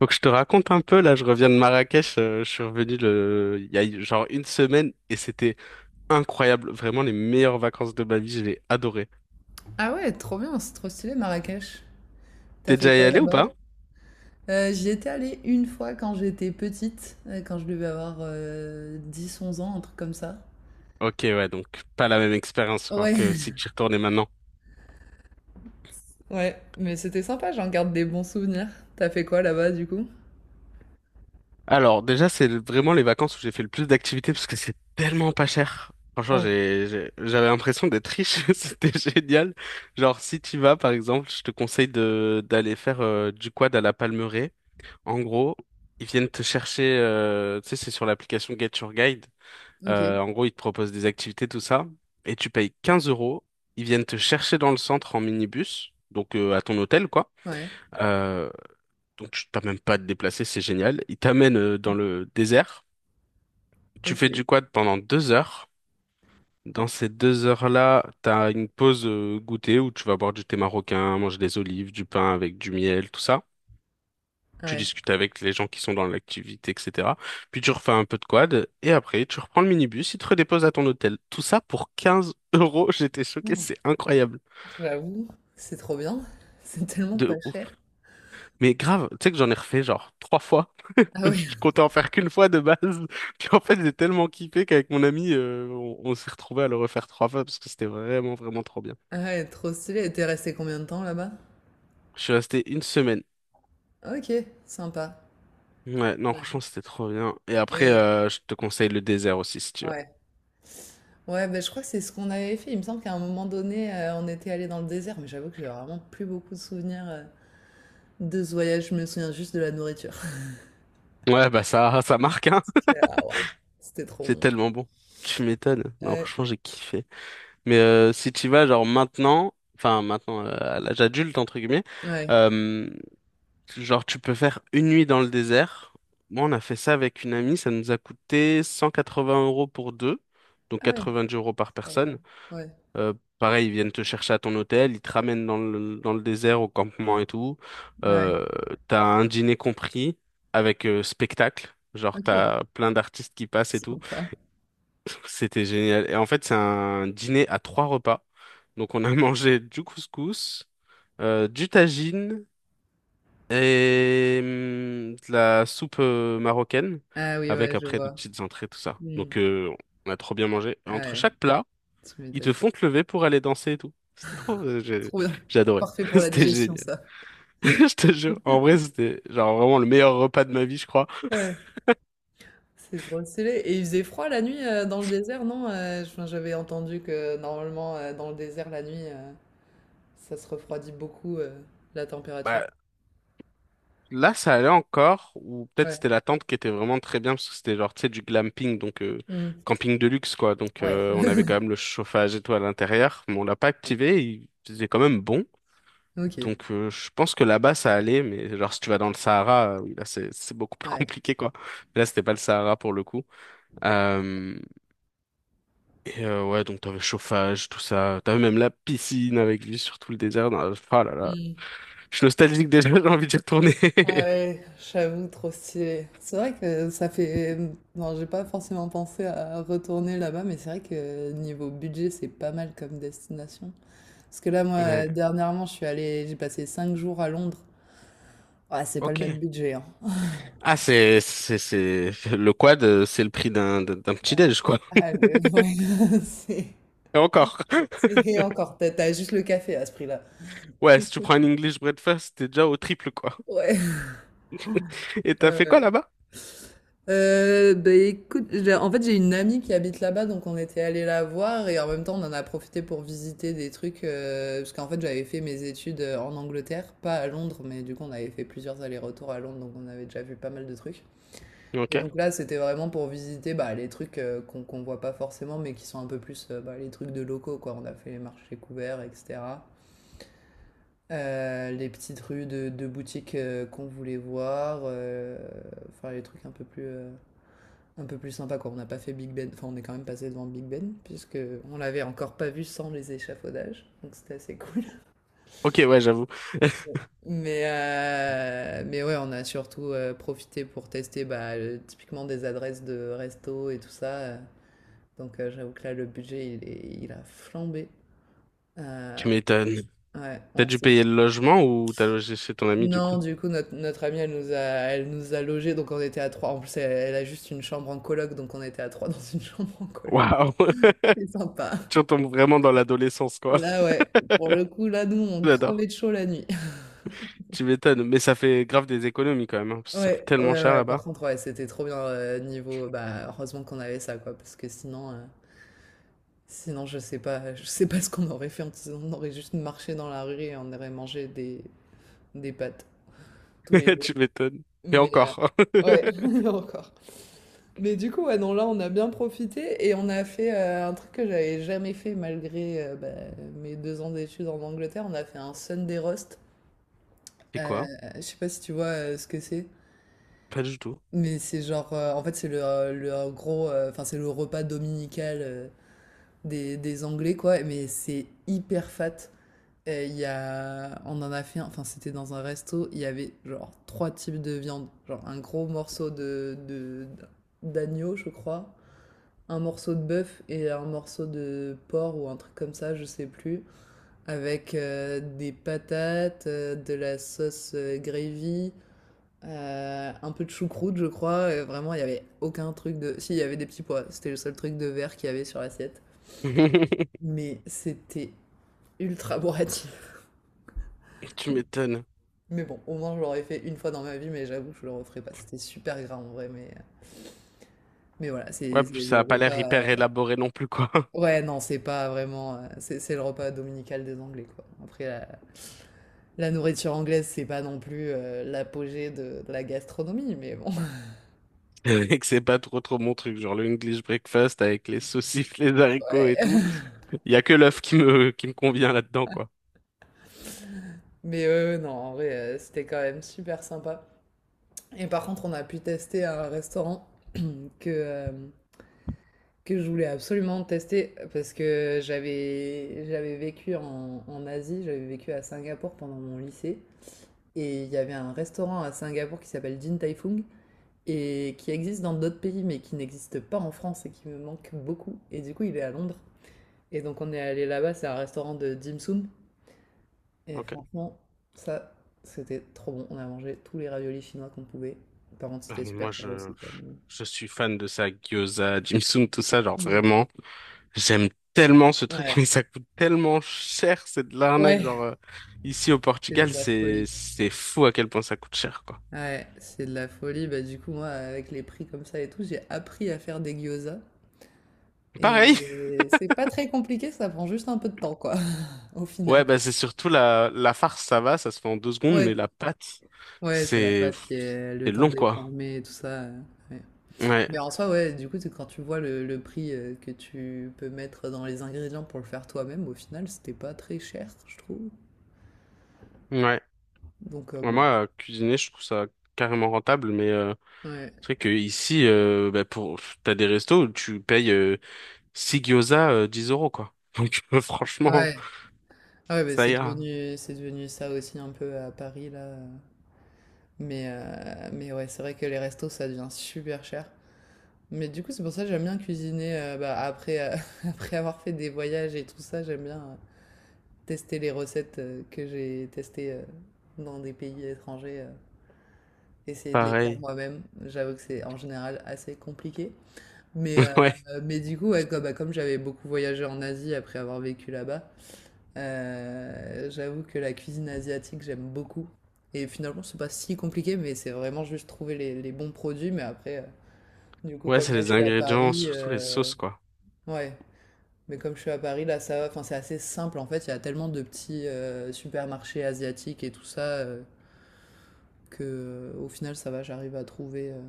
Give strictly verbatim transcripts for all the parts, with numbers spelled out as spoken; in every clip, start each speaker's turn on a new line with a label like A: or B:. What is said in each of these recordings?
A: Faut que je te raconte un peu, là, je reviens de Marrakech, euh, je suis revenu le... il y a genre une semaine et c'était incroyable, vraiment les meilleures vacances de ma vie, je l'ai adoré.
B: Ah ouais, trop bien, c'est trop stylé Marrakech. T'as
A: T'es
B: fait
A: déjà y
B: quoi
A: allé ou
B: là-bas?
A: pas?
B: Euh, j'y étais allée une fois quand j'étais petite, euh, quand je devais avoir euh, dix onze ans, un truc comme ça.
A: Ok, ouais, donc pas la même expérience quoi,
B: Ouais,
A: que si tu y retournais maintenant.
B: ouais, mais c'était sympa, j'en garde des bons souvenirs. T'as fait quoi là-bas du coup?
A: Alors déjà, c'est le- vraiment les vacances où j'ai fait le plus d'activités parce que c'est tellement pas cher. Franchement,
B: Ouais.
A: j'ai, j'ai- j'avais l'impression d'être riche, c'était génial. Genre, si tu vas, par exemple, je te conseille de d'aller faire euh, du quad à la Palmeraie. En gros, ils viennent te chercher, euh, tu sais, c'est sur l'application Get Your Guide.
B: Ok,
A: Euh, en gros, ils te proposent des activités, tout ça, et tu payes quinze euros. Ils viennent te chercher dans le centre en minibus, donc euh, à ton hôtel, quoi.
B: ouais,
A: Euh, donc tu t'as même pas à te déplacer, c'est génial. Ils t'amènent euh, dans le désert. Tu
B: ok,
A: fais du quad pendant deux heures. Dans ces deux heures-là, t'as une pause euh, goûter où tu vas boire du thé marocain, manger des olives, du pain avec du miel, tout ça. Tu
B: ouais.
A: discutes avec les gens qui sont dans l'activité, et cetera. Puis tu refais un peu de quad, et après, tu reprends le minibus, il te redépose à ton hôtel. Tout ça pour quinze euros, j'étais choqué,
B: Hmm.
A: c'est incroyable.
B: J'avoue, c'est trop bien, c'est tellement
A: De
B: pas
A: ouf.
B: cher.
A: Mais grave, tu sais que j'en ai refait genre trois fois.
B: Ah ouais,
A: Je comptais en faire qu'une fois de base. Puis en fait, j'ai tellement kiffé qu'avec mon ami, euh, on, on s'est retrouvé à le refaire trois fois parce que c'était vraiment, vraiment trop bien.
B: ah ouais, trop stylé. Et t'es resté combien de temps là-bas?
A: Je suis resté une semaine.
B: Ok, sympa.
A: Ouais, non,
B: Ouais.
A: franchement, c'était trop bien. Et après,
B: Et
A: euh, je te conseille le désert aussi si tu veux.
B: ouais. Ouais, ben, je crois que c'est ce qu'on avait fait. Il me semble qu'à un moment donné, euh, on était allé dans le désert, mais j'avoue que j'ai vraiment plus beaucoup de souvenirs euh, de ce voyage. Je me souviens juste de la nourriture.
A: Ouais, bah ça, ça marque, hein.
B: J'étais là, ah, waouh, c'était trop
A: C'est
B: bon.
A: tellement bon. Tu m'étonnes. Non,
B: Ouais,
A: franchement, j'ai kiffé. Mais euh, si tu y vas, genre maintenant, enfin maintenant, euh, à l'âge adulte, entre guillemets,
B: ouais.
A: euh, genre tu peux faire une nuit dans le désert. Moi, on a fait ça avec une amie, ça nous a coûté cent quatre-vingts euros pour deux, donc
B: Ah ouais,
A: quatre-vingt-dix euros par
B: ça va.
A: personne.
B: Ouais,
A: Euh, pareil, ils viennent te chercher à ton hôtel, ils te ramènent dans le, dans le désert, au campement et tout.
B: ouais.
A: Euh, t'as un dîner compris avec euh, spectacle, genre
B: Ok,
A: t'as plein d'artistes qui passent et tout.
B: sympa.
A: C'était génial. Et en fait, c'est un dîner à trois repas. Donc, on a mangé du couscous, euh, du tagine et hum, de la soupe euh, marocaine
B: Ah oui,
A: avec
B: ouais, je
A: après des
B: vois.
A: petites entrées, tout ça.
B: Hmm.
A: Donc, euh, on a trop bien mangé. Et
B: Ah
A: entre
B: ouais,
A: chaque plat,
B: tu
A: ils te
B: m'étonnes.
A: font te lever pour aller danser et tout. C'était trop. euh, j'ai
B: Trop bien.
A: j'ai adoré.
B: Parfait pour la
A: C'était
B: digestion,
A: génial.
B: ça.
A: Je te jure. En vrai, c'était genre vraiment le meilleur repas de ma vie, je crois.
B: Ouais, c'est trop stylé. Et il faisait froid la nuit euh, dans le désert, non? Euh, je- enfin, j'avais entendu que normalement, euh, dans le désert, la nuit, euh, ça se refroidit beaucoup, heu, la température?
A: Bah, là, ça allait encore, ou peut-être
B: Ouais.
A: c'était la tente qui était vraiment très bien, parce que c'était genre, tu sais, du glamping, donc euh,
B: Mmh.
A: camping de luxe, quoi. Donc,
B: Ouais.
A: euh, on avait quand même le chauffage et tout à l'intérieur, mais on l'a pas
B: Ouais.
A: activé, il faisait quand même bon.
B: OK.
A: Donc, euh, je pense que là-bas, ça allait, mais genre, si tu vas dans le Sahara, euh, oui, là, c'est c'est beaucoup plus
B: Ouais.
A: compliqué, quoi. Là, c'était pas le Sahara pour le coup. Euh, et euh, ouais, donc t'avais chauffage, tout ça. T'avais même la piscine avec vue sur tout le désert. dans la- Oh là là,
B: Mmh.
A: je suis nostalgique déjà, j'ai envie d'y retourner.
B: Ah ouais, j'avoue, trop stylé. C'est vrai que ça fait, mmh, non, j'ai pas forcément pensé à retourner là-bas, mais c'est vrai que niveau budget, c'est pas mal comme destination. Parce que là,
A: Ouais.
B: moi, dernièrement, je suis allée, j'ai passé cinq jours à Londres. Ah, c'est pas le
A: Ok.
B: même budget, hein.
A: Ah, c'est, c'est, c'est, le quad, euh, c'est le prix d'un, d'un d'un petit déj, quoi.
B: Ah le ouais, c'est
A: Et encore.
B: c'est encore. T'as as juste le café à ce prix-là.
A: Ouais, si tu prends un English breakfast, t'es déjà au triple, quoi.
B: Ouais.
A: Et
B: Ouais,
A: t'as
B: ouais,
A: fait quoi
B: ouais.
A: là-bas?
B: Euh, bah écoute, j'ai- en fait j'ai une amie qui habite là-bas, donc on était allé la voir et en même temps on en a profité pour visiter des trucs, euh, parce qu'en fait j'avais fait mes études euh, en Angleterre, pas à Londres, mais du coup on avait fait plusieurs allers-retours à Londres, donc on avait déjà vu pas mal de trucs. Et
A: Ok.
B: donc là c'était vraiment pour visiter bah, les trucs euh, qu'on qu'on voit pas forcément, mais qui sont un peu plus euh, bah, les trucs de locaux, quoi. On a fait les marchés couverts, et cetera. Euh, les petites rues de, de boutiques euh, qu'on voulait voir, euh, enfin les trucs un peu plus euh, un peu plus sympa quoi. On n'a pas fait Big Ben, enfin on est quand même passé devant Big Ben puisque on l'avait encore pas vu sans les échafaudages, donc c'était assez cool.
A: Ok, ouais, j'avoue.
B: Ouais. Mais euh, mais ouais, on a surtout euh, profité pour tester bah, le- typiquement des adresses de resto et tout ça. euh. Donc euh, j'avoue que là le budget il est- il a flambé. Euh,
A: Tu m'étonnes.
B: ouais,
A: T'as
B: on
A: dû
B: sait.
A: payer le logement ou t'as logé chez ton ami, du
B: Non,
A: coup?
B: du coup, notre, notre amie, elle nous a, elle nous a logés, donc on était à trois. En plus, elle, elle a juste une chambre en coloc, donc on était à trois dans une chambre en coloc.
A: Waouh!
B: C'est sympa.
A: Tu retombes vraiment dans l'adolescence, quoi.
B: Là, ouais, pour le coup, là, nous, on crevait
A: J'adore.
B: de chaud la nuit.
A: Tu m'étonnes. Mais ça fait grave des économies, quand même, hein, parce que ça coûte
B: Ouais,
A: tellement
B: ouais,
A: cher
B: ouais. Par
A: là-bas.
B: contre, ouais, c'était trop bien euh, niveau. Bah, heureusement qu'on avait ça, quoi, parce que sinon, euh, sinon, je sais pas, je sais pas ce qu'on aurait fait. On aurait juste marché dans la rue et on aurait mangé des, des pâtes tous les jours.
A: Tu m'étonnes. Et
B: Mais euh,
A: encore.
B: ouais, encore. Mais du coup, ouais, non, là, on a bien profité et on a fait euh, un truc que j'avais jamais fait malgré euh, bah, mes deux ans d'études en Angleterre. On a fait un Sunday roast.
A: C'est
B: Euh,
A: quoi?
B: je sais pas si tu vois euh, ce que c'est.
A: Pas du tout.
B: Mais c'est genre, euh, en fait, c'est le, euh, le, euh, gros, euh, enfin, c'est le repas dominical euh, des, des Anglais, quoi. Mais c'est hyper fat. Et il y a, on en a fait un, enfin, c'était dans un resto, il y avait genre trois types de viande. Genre un gros morceau de, de- d'agneau, je crois, un morceau de bœuf et un morceau de porc ou un truc comme ça, je sais plus. Avec euh, des patates, euh, de la sauce euh, gravy, euh, un peu de choucroute, je crois, et vraiment, il n'y avait aucun truc de. Si, il y avait des petits pois. C'était le seul truc de verre qu'il y avait sur l'assiette. Mais c'était ultra bourratif.
A: Tu m'étonnes.
B: Mais bon, au moins, je l'aurais fait une fois dans ma vie, mais j'avoue, je le referai pas. C'était super gras en vrai, mais, mais voilà,
A: Ouais,
B: c'est
A: puis
B: c'est
A: ça
B: le
A: a pas l'air
B: repas.
A: hyper
B: euh,
A: élaboré non plus, quoi.
B: Ouais, non, c'est pas vraiment. euh, C'est c'est le repas dominical des Anglais, quoi. Après, la, la nourriture anglaise, c'est pas non plus euh, l'apogée de, de la gastronomie, mais bon.
A: Et que c'est pas trop trop mon truc, genre le English breakfast avec les saucisses, les haricots et tout.
B: Ouais.
A: Il y a que l'œuf qui me qui me convient là-dedans, quoi.
B: Mais euh, non, en vrai, euh, c'était quand même super sympa. Et par contre, on a pu tester un restaurant que, euh, que je voulais absolument tester parce que j'avais, j'avais vécu en, en Asie, j'avais vécu à Singapour pendant mon lycée. Et il y avait un restaurant à Singapour qui s'appelle Din Tai Fung et qui existe dans d'autres pays mais qui n'existe pas en France et qui me manque beaucoup. Et du coup, il est à Londres. Et donc, on est allé là-bas, c'est un restaurant de dim sum. Et
A: Ok.
B: franchement, ça, c'était trop bon. On a mangé tous les raviolis chinois qu'on pouvait. Par contre,
A: Ah,
B: c'était
A: mais moi,
B: super cher
A: je
B: aussi, quoi.
A: je suis fan de ça, gyoza, Jimsum, tout ça, genre
B: Mm.
A: vraiment. J'aime tellement ce truc,
B: Ouais,
A: mais ça coûte tellement cher, c'est de l'arnaque,
B: ouais,
A: genre euh, ici au
B: c'est de
A: Portugal,
B: la
A: c'est
B: folie.
A: c'est fou à quel point ça coûte cher, quoi.
B: Ouais, c'est de la folie. Bah, du coup, moi, avec les prix comme ça et tout, j'ai appris à faire des gyozas.
A: Pareil,
B: Et c'est pas très compliqué, ça prend juste un peu de temps, quoi, au
A: ouais,
B: final.
A: bah c'est surtout la, la farce, ça va, ça se fait en deux secondes, mais
B: Ouais,
A: la pâte,
B: ouais, c'est la
A: c'est
B: pâte qui est le
A: c'est
B: temps
A: long,
B: de
A: quoi.
B: déformer et tout ça. euh, ouais.
A: Ouais,
B: Mais en soi, ouais, du coup, c'est quand tu vois le, le prix euh, que tu peux mettre dans les ingrédients pour le faire toi-même, au final, c'était pas très cher, je trouve.
A: ouais.
B: Donc, euh,
A: Ouais,
B: bon.
A: moi, euh, cuisiner, je trouve ça carrément rentable, mais euh,
B: Ouais,
A: c'est vrai que ici, euh, bah pour, pff, t'as des restos où tu payes euh, six gyoza, euh, dix euros, quoi. Donc, franchement,
B: ouais. Ah ouais, bah,
A: ça
B: c'est
A: ira.
B: devenu, c'est devenu ça aussi un peu à Paris, là. euh. Mais, euh, mais ouais, c'est vrai que les restos, ça devient super cher. Mais du coup, c'est pour ça que j'aime bien cuisiner euh, bah, après, euh, après avoir fait des voyages et tout ça, j'aime bien euh, tester les recettes euh, que j'ai testées euh, dans des pays étrangers, euh, essayer de les faire
A: Pareil.
B: moi-même. J'avoue que c'est en général assez compliqué. Mais, euh,
A: Ouais.
B: mais du coup, ouais, comme, bah, comme j'avais beaucoup voyagé en Asie après avoir vécu là-bas, euh, j'avoue que la cuisine asiatique, j'aime beaucoup. Et finalement, c'est pas si compliqué, mais c'est vraiment juste trouver les, les bons produits. Mais après, euh, du coup,
A: Ouais,
B: comme
A: c'est
B: là, je
A: les
B: suis à
A: ingrédients,
B: Paris,
A: surtout les
B: euh,
A: sauces, quoi.
B: ouais. Mais comme je suis à Paris, là, ça va. Enfin, c'est assez simple. En fait, il y a tellement de petits euh, supermarchés asiatiques et tout ça euh, que, euh, au final, ça va. J'arrive à trouver. euh.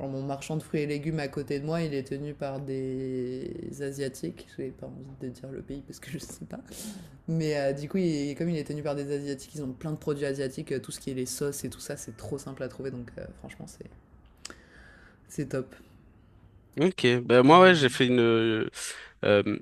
B: Genre, mon marchand de fruits et légumes à côté de moi, il est tenu par des asiatiques. J'ai pas envie de dire le pays parce que je sais pas. Mais euh, du coup, il- comme il est tenu par des Asiatiques, ils ont plein de produits asiatiques, euh, tout ce qui est les sauces et tout ça, c'est trop simple à trouver, donc euh, franchement, c'est c'est top.
A: Ok, ben moi ouais j'ai
B: Mm.
A: fait une, Euh,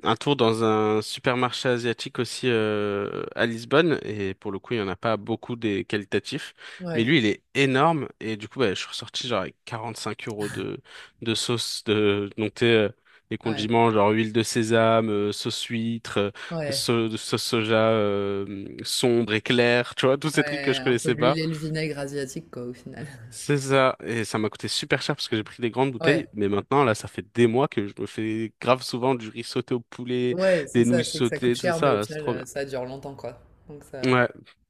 A: un tour dans un supermarché asiatique aussi euh, à Lisbonne et pour le coup il y en a pas beaucoup des qualitatifs mais
B: Ouais,
A: lui il est énorme et du coup bah, je suis ressorti genre avec cinq euros de de sauce de donc t'es, euh, les
B: ouais,
A: condiments genre huile de sésame euh, sauce huître euh,
B: ouais,
A: sau- sauce soja euh, sombre et claire tu vois tous ces trucs que
B: ouais,
A: je
B: un peu
A: connaissais
B: l'huile
A: pas.
B: et le vinaigre asiatique, quoi, au final.
A: C'est ça, et ça m'a coûté super cher parce que j'ai pris des grandes bouteilles,
B: Ouais,
A: mais maintenant, là, ça fait des mois que je me fais grave souvent du riz sauté au poulet,
B: ouais, c'est
A: des
B: ça,
A: nouilles
B: c'est que ça coûte
A: sautées, tout
B: cher, mais au
A: ça, c'est
B: final,
A: trop
B: euh,
A: bien.
B: ça dure longtemps, quoi. Donc ça...
A: Ouais,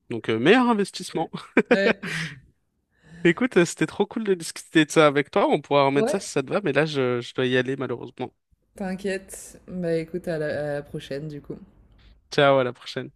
A: donc euh, meilleur
B: Ouais,
A: investissement.
B: ouais,
A: Écoute, euh, c'était trop cool de discuter de ça avec toi, on pourra remettre ça
B: ouais,
A: si ça te va, mais là, je, je dois y aller malheureusement.
B: t'inquiète. Bah écoute, à la à la prochaine, du coup.
A: Ciao, à la prochaine.